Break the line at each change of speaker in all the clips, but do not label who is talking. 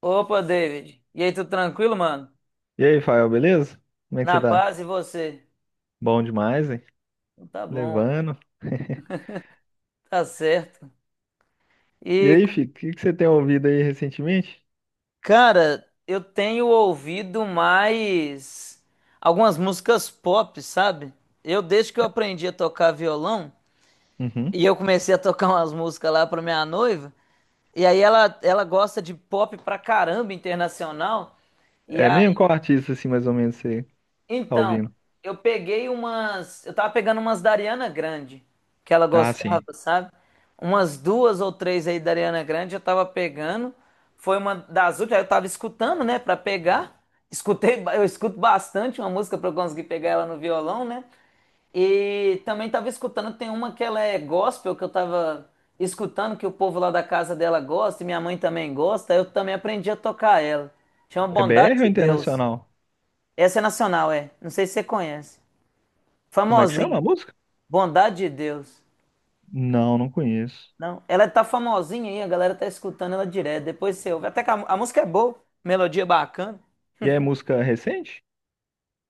Opa, David. E aí, tudo tranquilo, mano?
E aí, Fael, beleza? Como é que você
Na
tá?
paz e você?
Bom demais, hein?
Então tá bom,
Levando.
tá certo.
E
E,
aí, Fico, o que que você tem ouvido aí recentemente?
cara, eu tenho ouvido mais algumas músicas pop, sabe? Eu, desde que eu aprendi a tocar violão, e
Uhum.
eu comecei a tocar umas músicas lá pra minha noiva, e aí ela gosta de pop pra caramba internacional. E
É mesmo? Qual artista, assim, mais ou menos, você tá
então,
ouvindo?
eu peguei umas. Eu tava pegando umas da Ariana Grande, que ela
Ah,
gostava,
sim.
sabe? Umas duas ou três aí da Ariana Grande eu tava pegando. Foi uma das últimas, aí eu tava escutando, né, pra pegar. Escutei, eu escuto bastante uma música pra eu conseguir pegar ela no violão, né? E também tava escutando, tem uma que ela é gospel, que eu tava escutando que o povo lá da casa dela gosta e minha mãe também gosta, eu também aprendi a tocar ela. Chama
É
Bondade
BR ou
de Deus.
internacional?
Essa é nacional, é. Não sei se você conhece.
Como é que chama a
Famosinha.
música?
Bondade de Deus.
Não, não conheço.
Não, ela tá famosinha aí, a galera tá escutando ela direto. Depois você ouve. Até que a música é boa, melodia bacana.
E é música recente?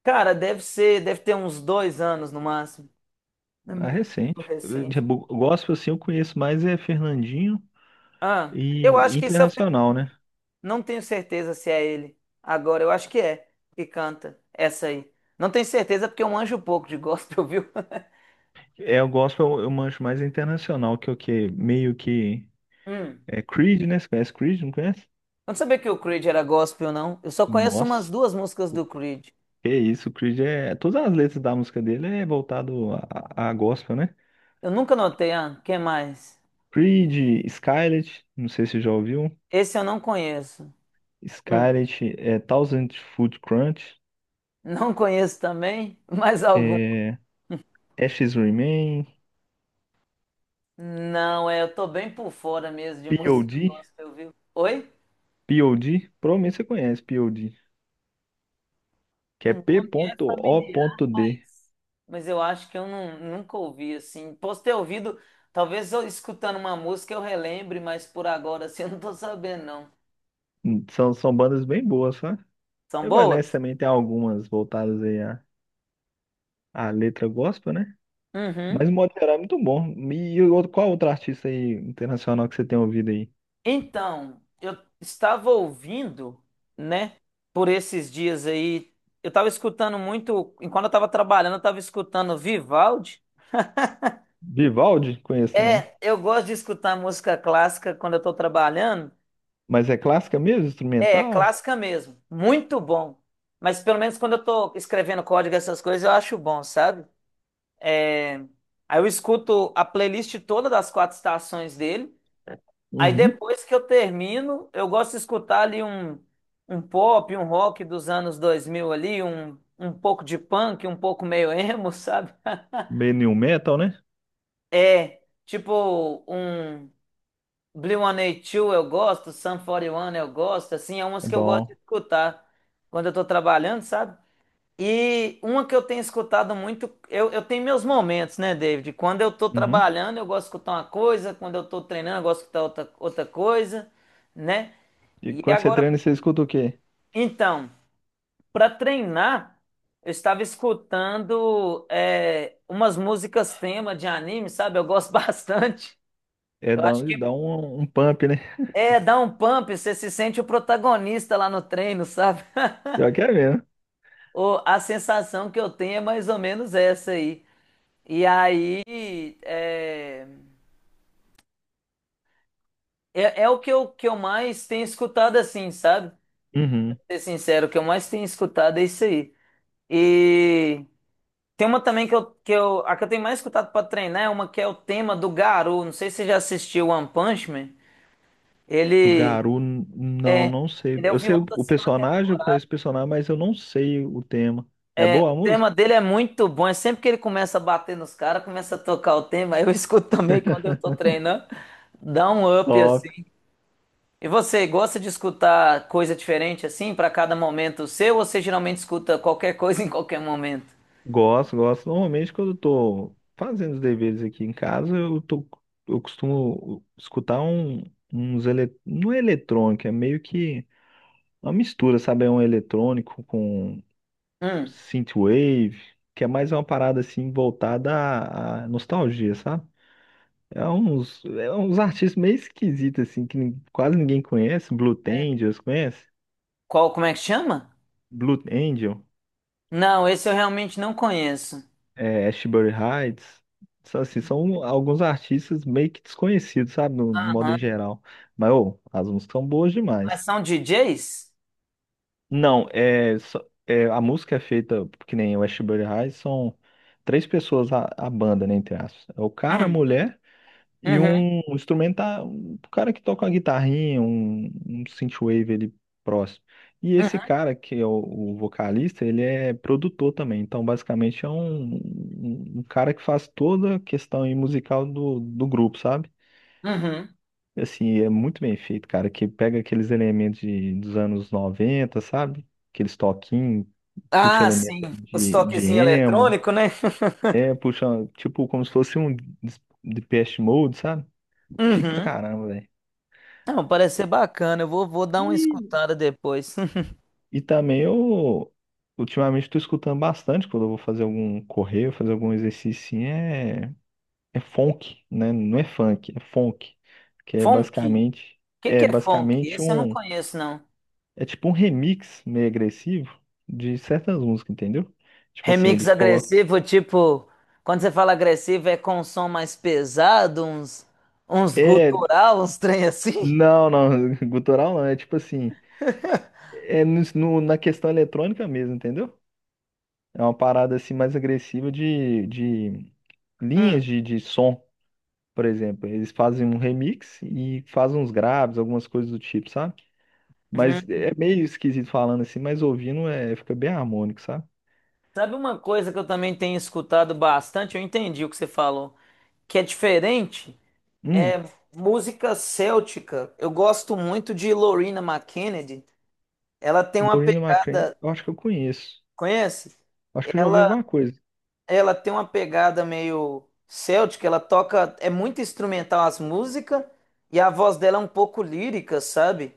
Cara, deve ser, deve ter uns 2 anos no máximo. É
Ah,
muito
recente. Eu-
recente.
eu Gospel, assim, eu conheço mais é Fernandinho
Ah, eu
e
acho que isso é.
internacional, né?
Não tenho certeza se é ele. Agora, eu acho que é que canta essa aí. Não tenho certeza porque eu manjo pouco de gospel, viu?
É, o gospel eu manjo mais internacional, que é o que meio que
Hum.
é Creed, né? Você conhece Creed, não conhece?
Eu não sabia que o Creed era gospel, não. Eu só conheço umas
Nossa,
duas músicas
o
do Creed.
que é isso, o Creed é. Todas as letras da música dele é voltado a gospel, né?
Eu nunca notei, ah, quem mais?
Creed, Skylet, não sei se já ouviu.
Esse eu não conheço. Hum.
Skylet, é, Thousand Foot Crunch,
Não conheço também, mais algum.
é, Ashes Remain,
Não, é, eu tô bem por fora mesmo de música
POD,
gospel, viu? Oi?
POD, provavelmente você conhece POD, que
O
é P
nome é
O
familiar,
D
mas eu acho que eu não, nunca ouvi assim. Posso ter ouvido, talvez eu escutando uma música eu relembre, mas por agora assim eu não tô sabendo, não.
São bandas bem boas, sabe?
São
Evanescence
boas?
também tem algumas voltadas aí à letra gospel, né? Mas,
Uhum.
no modo geral, é muito bom. Qual outro artista aí internacional que você tem ouvido aí?
Então, eu estava ouvindo, né, por esses dias aí, eu estava escutando muito, enquanto eu estava trabalhando, eu estava escutando Vivaldi.
Vivaldi? Conheço, não.
É, eu gosto de escutar música clássica quando eu estou trabalhando.
Mas é clássica mesmo?
É
Instrumental?
clássica mesmo, muito bom. Mas pelo menos quando eu estou escrevendo código, essas coisas, eu acho bom, sabe? É, aí eu escuto a playlist toda das quatro estações dele. Aí
Uhum.
depois que eu termino, eu gosto de escutar ali um, um, pop, um rock dos anos 2000 ali, um pouco de punk, um pouco meio emo, sabe?
Meio new metal, né?
É, tipo um blink-182 eu gosto, Sum 41 eu gosto, assim, é
É
umas que eu gosto de
bom.
escutar quando eu tô trabalhando, sabe? E uma que eu tenho escutado muito, eu tenho meus momentos, né, David? Quando eu tô
Uhum.
trabalhando, eu gosto de escutar uma coisa, quando eu tô treinando, eu gosto de escutar outra coisa, né?
E
E
quando você
agora
treina, você escuta o quê?
Então, para treinar, eu estava escutando umas músicas tema de anime, sabe? Eu gosto bastante. Eu acho que
Dá um pump, né?
dá um pump, você se sente o protagonista lá no treino, sabe?
Eu quero mesmo.
A sensação que eu tenho é mais ou menos essa aí. E aí é o que eu mais tenho escutado assim, sabe? Pra
Uhum.
ser sincero, o que eu mais tenho escutado é isso aí. E tem uma também a que eu tenho mais escutado pra treinar é uma que é o tema do Garou. Não sei se você já assistiu One Punch Man.
Do
Ele,
Garou, não, não sei.
ele é o
Eu sei
vilão
o
da
o
segunda
personagem,
temporada.
eu conheço o personagem, mas eu não sei o tema. É boa
O
a
tema
música?
dele é muito bom. É sempre que ele começa a bater nos caras, começa a tocar o tema. Eu escuto também quando eu tô treinando. Dá um up
Top.
assim. E você gosta de escutar coisa diferente assim pra cada momento seu? Ou você geralmente escuta qualquer coisa em qualquer momento?
Gosto, gosto. Normalmente, quando eu tô fazendo os deveres aqui em casa, eu costumo escutar um, não é eletrônico, é meio que uma mistura, sabe? É um eletrônico com
Hum,
synthwave, que é mais uma parada assim voltada à nostalgia, sabe? É uns artistas meio esquisitos assim que quase ninguém conhece. Blue
é.
Angels, conhece?
Como é que chama?
Blue Angel.
Não, esse eu realmente não conheço.
Ashbury Heights, só assim, são alguns artistas meio que desconhecidos, sabe, no modo em
Aham.
geral. Mas, ô, as músicas são boas
Mas
demais.
são DJs?
Não, a música é feita, que nem o Ashbury Heights, são três pessoas a banda, né, entre aspas. É o cara, a
Hum.
mulher e
Uhum.
um instrumental, um cara que toca uma guitarrinha, um synthwave ali próximo. E esse
Uhum.
cara, que é o vocalista, ele é produtor também. Então, basicamente, é um cara que faz toda a questão aí musical do grupo, sabe?
Uhum.
Assim, é muito bem feito, cara, que pega aqueles elementos dos anos 90, sabe? Aqueles toquinhos, puxa
Ah,
elemento
sim.
aí
Os
de
toquezinhos
emo,
eletrônicos, né?
puxa, tipo, como se fosse um Depeche Mode, sabe? Chique pra
Uhum.
caramba.
Não, parece ser bacana. Eu vou dar
E,
uma escutada depois.
e também eu ultimamente estou escutando bastante quando eu vou fazer algum correio, fazer algum exercício assim, é funk, né? Não é funk, é funk, que é
Funk?
basicamente
O que
é
que é funk?
basicamente
Esse eu não conheço, não.
é tipo um remix meio agressivo de certas músicas, entendeu? Tipo assim,
Remix
eles colocam
agressivo, tipo, quando você fala agressivo é com um som mais pesado, uns
é
gutural, uns trem assim.
não, não, gutural não, é tipo assim, na questão eletrônica mesmo, entendeu? É uma parada assim mais agressiva de linhas
Hum,
de som. Por exemplo, eles fazem um remix e fazem uns graves, algumas coisas do tipo, sabe? Mas
hum.
é meio esquisito falando assim, mas ouvindo fica bem harmônico, sabe?
Sabe uma coisa que eu também tenho escutado bastante? Eu entendi o que você falou, que é diferente.
Hum,
É música céltica. Eu gosto muito de Lorena McKennedy. Ela tem uma
Lorena McCrae,
pegada,
eu acho que eu conheço.
conhece?
Acho que eu já ouvi
Ela,
alguma coisa.
ela tem uma pegada meio céltica. Ela toca, é muito instrumental as músicas e a voz dela é um pouco lírica, sabe?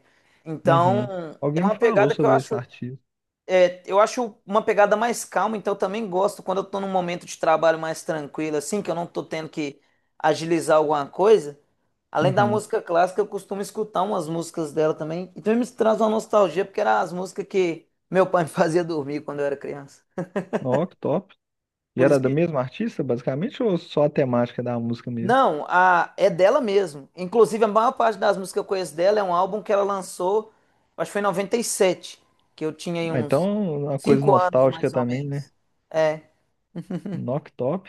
Uhum.
Então, é
Alguém
uma
me falou
pegada que eu
sobre esse
acho
artista.
é, eu acho uma pegada mais calma, então eu também gosto quando eu tô num momento de trabalho mais tranquilo, assim, que eu não tô tendo que agilizar alguma coisa. Além da
Uhum.
música clássica, eu costumo escutar umas músicas dela também. E também me traz uma nostalgia, porque eram as músicas que meu pai me fazia dormir quando eu era criança.
Ó, que top. E
Por
era
isso
da
que.
mesma artista, basicamente, ou só a temática da música mesmo?
Não, é dela mesmo. Inclusive, a maior parte das músicas que eu conheço dela é um álbum que ela lançou, acho que foi em 97, que eu tinha aí
Ah,
uns
então, uma coisa
5 anos,
nostálgica
mais ou
também,
menos.
né?
É.
Knock Top.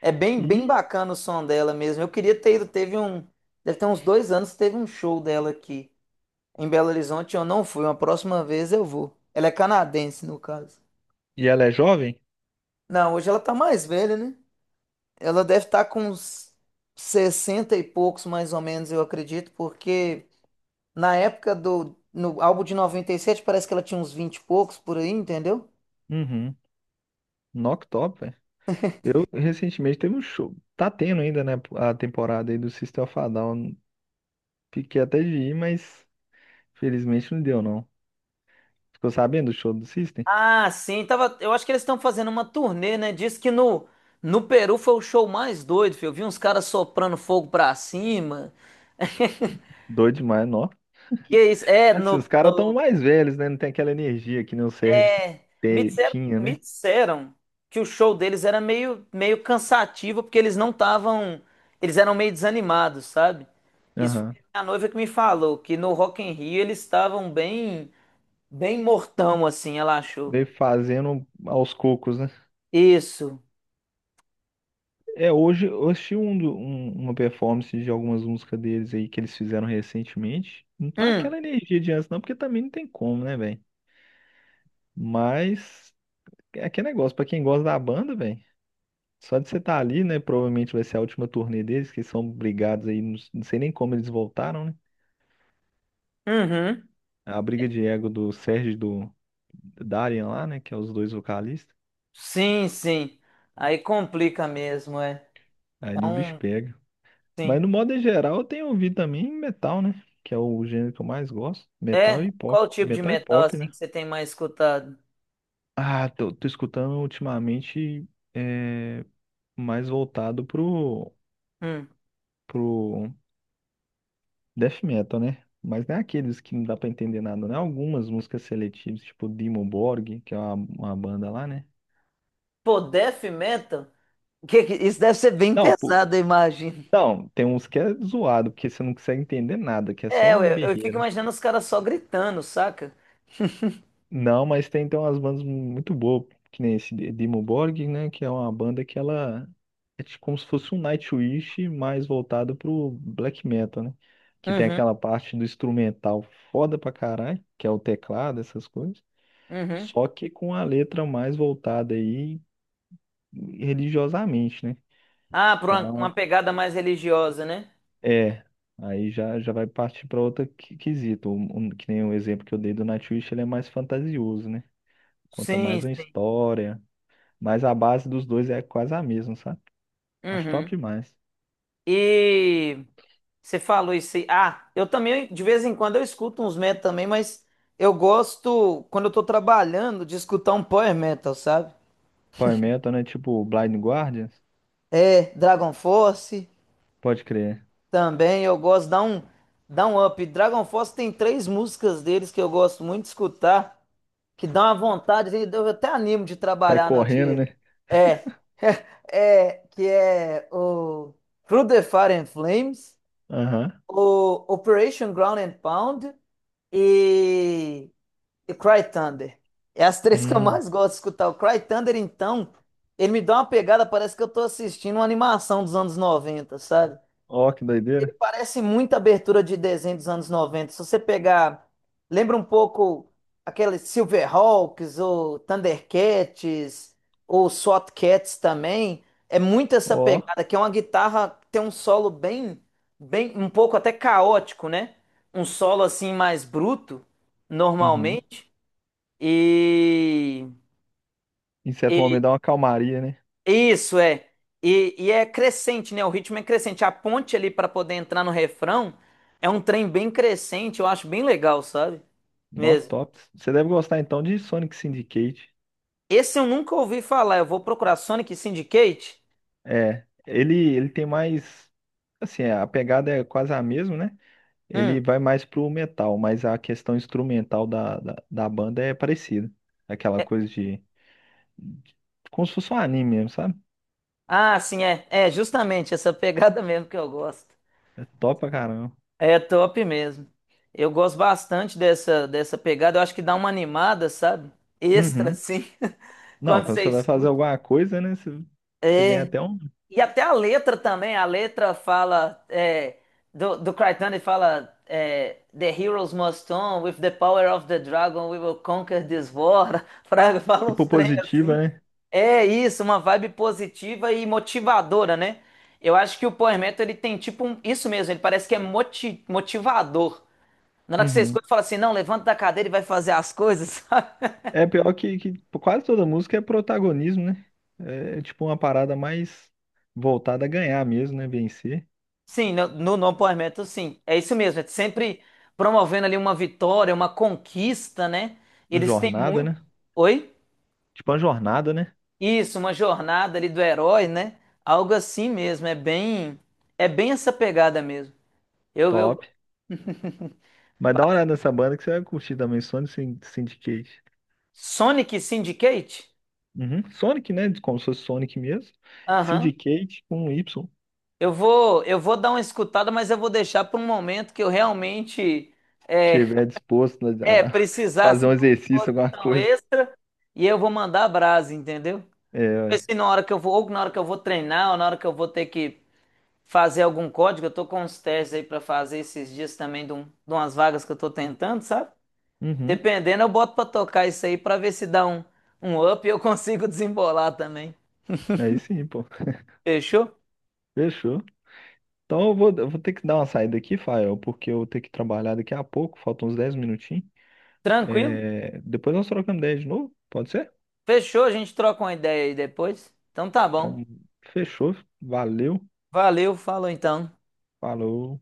É bem, bem
E,
bacana o som dela mesmo. Eu queria ter ido, deve ter uns dois anos, teve um show dela aqui em Belo Horizonte. Eu não fui, uma próxima vez eu vou. Ela é canadense, no caso.
e ela é jovem?
Não, hoje ela tá mais velha, né? Ela deve estar com uns 60 e poucos, mais ou menos, eu acredito, porque na época no álbum de 97 parece que ela tinha uns 20 e poucos por aí, entendeu?
Uhum. Knock Top. Eu recentemente teve um show. Tá tendo ainda, né? A temporada aí do System of a Down. Fiquei até de ir, mas felizmente não deu, não. Ficou sabendo do show do System?
Ah, sim, tava, eu acho que eles estão fazendo uma turnê, né? Diz que no Peru foi o show mais doido, filho. Eu vi uns caras soprando fogo pra cima.
Doido demais, não.
Que isso? É,
Assim, os
no,
caras estão
no,
mais velhos, né? Não tem aquela energia que nem o Sérgio
é, me disseram,
tinha,
me
né?
disseram que o show deles era meio cansativo, porque eles não estavam, eles eram meio desanimados, sabe? Isso foi
Aham.
a noiva que me falou, que no Rock in Rio eles estavam bem, bem mortão, assim, ela achou.
Veio fazendo aos cocos, né?
Isso.
É, hoje eu assisti uma performance de algumas músicas deles aí que eles fizeram recentemente. Não tá
Hum,
aquela energia de antes, não, porque também não tem como, né, velho? Mas. É que é negócio, pra quem gosta da banda, velho. Só de você estar ali, né? Provavelmente vai ser a última turnê deles, que são brigados aí. Não sei nem como eles voltaram, né?
uhum.
A briga de ego do Sérgio e do Darian lá, né? Que é os dois vocalistas.
Sim, sim. Aí complica mesmo, é. É
Aí o bicho
um,
pega.
sim.
Mas no modo geral, eu tenho ouvido também metal, né? Que é o gênero que eu mais gosto. Metal
É,
e pop.
qual tipo de
Metal e
metal
pop,
assim
né?
que você tem mais escutado?
Ah, tô escutando ultimamente é, mais voltado pro,
Hum.
pro Death metal, né? Mas não é aqueles que não dá pra entender nada, né? Algumas músicas seletivas, tipo Dimmu Borg, que é uma banda lá, né?
Pô, death metal? Isso deve ser bem
Não, pô,
pesado, eu imagino.
não, tem uns que é zoado, porque você não consegue entender nada, que é
É, eu,
só
eu fico
berreira.
imaginando os caras só gritando, saca?
Não, mas tem, umas bandas muito boas, que nem esse Dimmu Borg, né? Que é uma banda que ela é tipo como se fosse um Nightwish mais voltado pro black metal, né? Que tem
Uhum,
aquela parte do instrumental foda pra caralho, que é o teclado, essas coisas.
uhum.
Só que com a letra mais voltada aí religiosamente, né?
Ah, pra uma,
Então,
pegada mais religiosa, né?
é, aí já vai partir para outro quesito. Que nem o exemplo que eu dei do Nightwish, ele é mais fantasioso, né? Conta
Sim,
mais uma
sim.
história, mas a base dos dois é quase a mesma, sabe? Acho top
Uhum.
demais.
E você falou isso aí. Ah, eu também, de vez em quando, eu escuto uns metal também, mas eu gosto, quando eu tô trabalhando, de escutar um power metal, sabe?
Power Metal, né? Tipo Blind Guardians,
É, Dragon Force
pode crer.
também, eu gosto, dá um up. Dragon Force tem três músicas deles que eu gosto muito de escutar, que dá uma vontade, assim, eu até animo de
Sai
trabalhar no
correndo,
dia.
né?
É, que é o Through the Fire and Flames,
Aham.
o Operation Ground and Pound e e Cry Thunder. É as três que eu
Hum.
mais gosto de escutar. O Cry Thunder, então, ele me dá uma pegada, parece que eu tô assistindo uma animação dos anos 90, sabe?
Ó, que
Ele
doideira.
parece muita abertura de desenho dos anos 90. Se você pegar, lembra um pouco aqueles Silverhawks ou Thundercats ou SWATcats também. É muito essa
Ó.
pegada, que é uma guitarra que tem um solo bem, bem, um pouco até caótico, né? Um solo assim mais bruto,
Uhum.
normalmente. E,
Em certo
e-
momento dá uma calmaria, né?
isso é. E é crescente, né? O ritmo é crescente. A ponte ali para poder entrar no refrão é um trem bem crescente, eu acho bem legal, sabe? Mesmo.
Noctops. Você deve gostar então de Sonic Syndicate.
Esse eu nunca ouvi falar. Eu vou procurar Sonic Syndicate.
É, ele tem mais. Assim, a pegada é quase a mesma, né? Ele
Hum.
vai mais pro metal, mas a questão instrumental da banda é parecida. Aquela
É-
coisa de. Como se fosse um anime mesmo, sabe?
Ah, sim, é. É justamente essa pegada mesmo que eu gosto.
É top pra caramba.
É top mesmo. Eu gosto bastante dessa pegada. Eu acho que dá uma animada, sabe? Extra,
Uhum.
assim,
Não,
quando
quando
você
você vai fazer
escuta.
alguma coisa, né? Você ganha até um.
E até a letra também, a letra fala do Crichton, ele fala The heroes must on, with the power of the dragon we will conquer this war. Fraga, fala uns
Tipo
trem
positiva,
assim.
né?
É isso, uma vibe positiva e motivadora, né? Eu acho que o Power Metal, ele tem tipo um, isso mesmo, ele parece que é motivador. Na hora que você
Uhum.
escuta, fala assim, não, levanta da cadeira e vai fazer as coisas, sabe?
É pior que quase toda música é protagonismo, né? É, tipo uma parada mais voltada a ganhar mesmo, né? Vencer.
Sim, no No Power, sim. É isso mesmo. É sempre promovendo ali uma vitória, uma conquista, né?
Uma
Eles têm
jornada,
muito.
né?
Oi?
Tipo uma jornada, né?
Isso, uma jornada ali do herói, né? Algo assim mesmo. É bem essa pegada mesmo. Eu.
Top. Mas dá
ba-
uma olhada nessa banda que você vai curtir também, Sonic Syndicate.
Sonic Syndicate?
Uhum. Sonic, né? Como se fosse Sonic mesmo.
Aham.
Syndicate com Y.
Eu vou dar uma escutada, mas eu vou deixar para um momento que eu realmente é,
Tiver disposto
é
a
precisar
fazer
assim,
um
de uma
exercício, alguma
disposição
coisa.
extra e eu vou mandar a brasa, entendeu?
É,
Porque
ué.
se na hora que eu vou, ou na hora que eu vou treinar, ou na hora que eu vou ter que fazer algum código, eu tô com uns testes aí pra fazer esses dias também de umas vagas que eu tô tentando, sabe?
Uhum.
Dependendo, eu boto pra tocar isso aí pra ver se dá um, up e eu consigo desembolar também.
Aí sim, pô.
Fechou?
Fechou. Então eu vou ter que dar uma saída aqui, Fael, porque eu vou ter que trabalhar daqui a pouco, faltam uns 10 minutinhos.
Tranquilo?
É, depois nós trocamos ideia de novo, pode ser?
Fechou, a gente troca uma ideia aí depois. Então tá bom.
Então, fechou, valeu,
Valeu, falou então.
falou.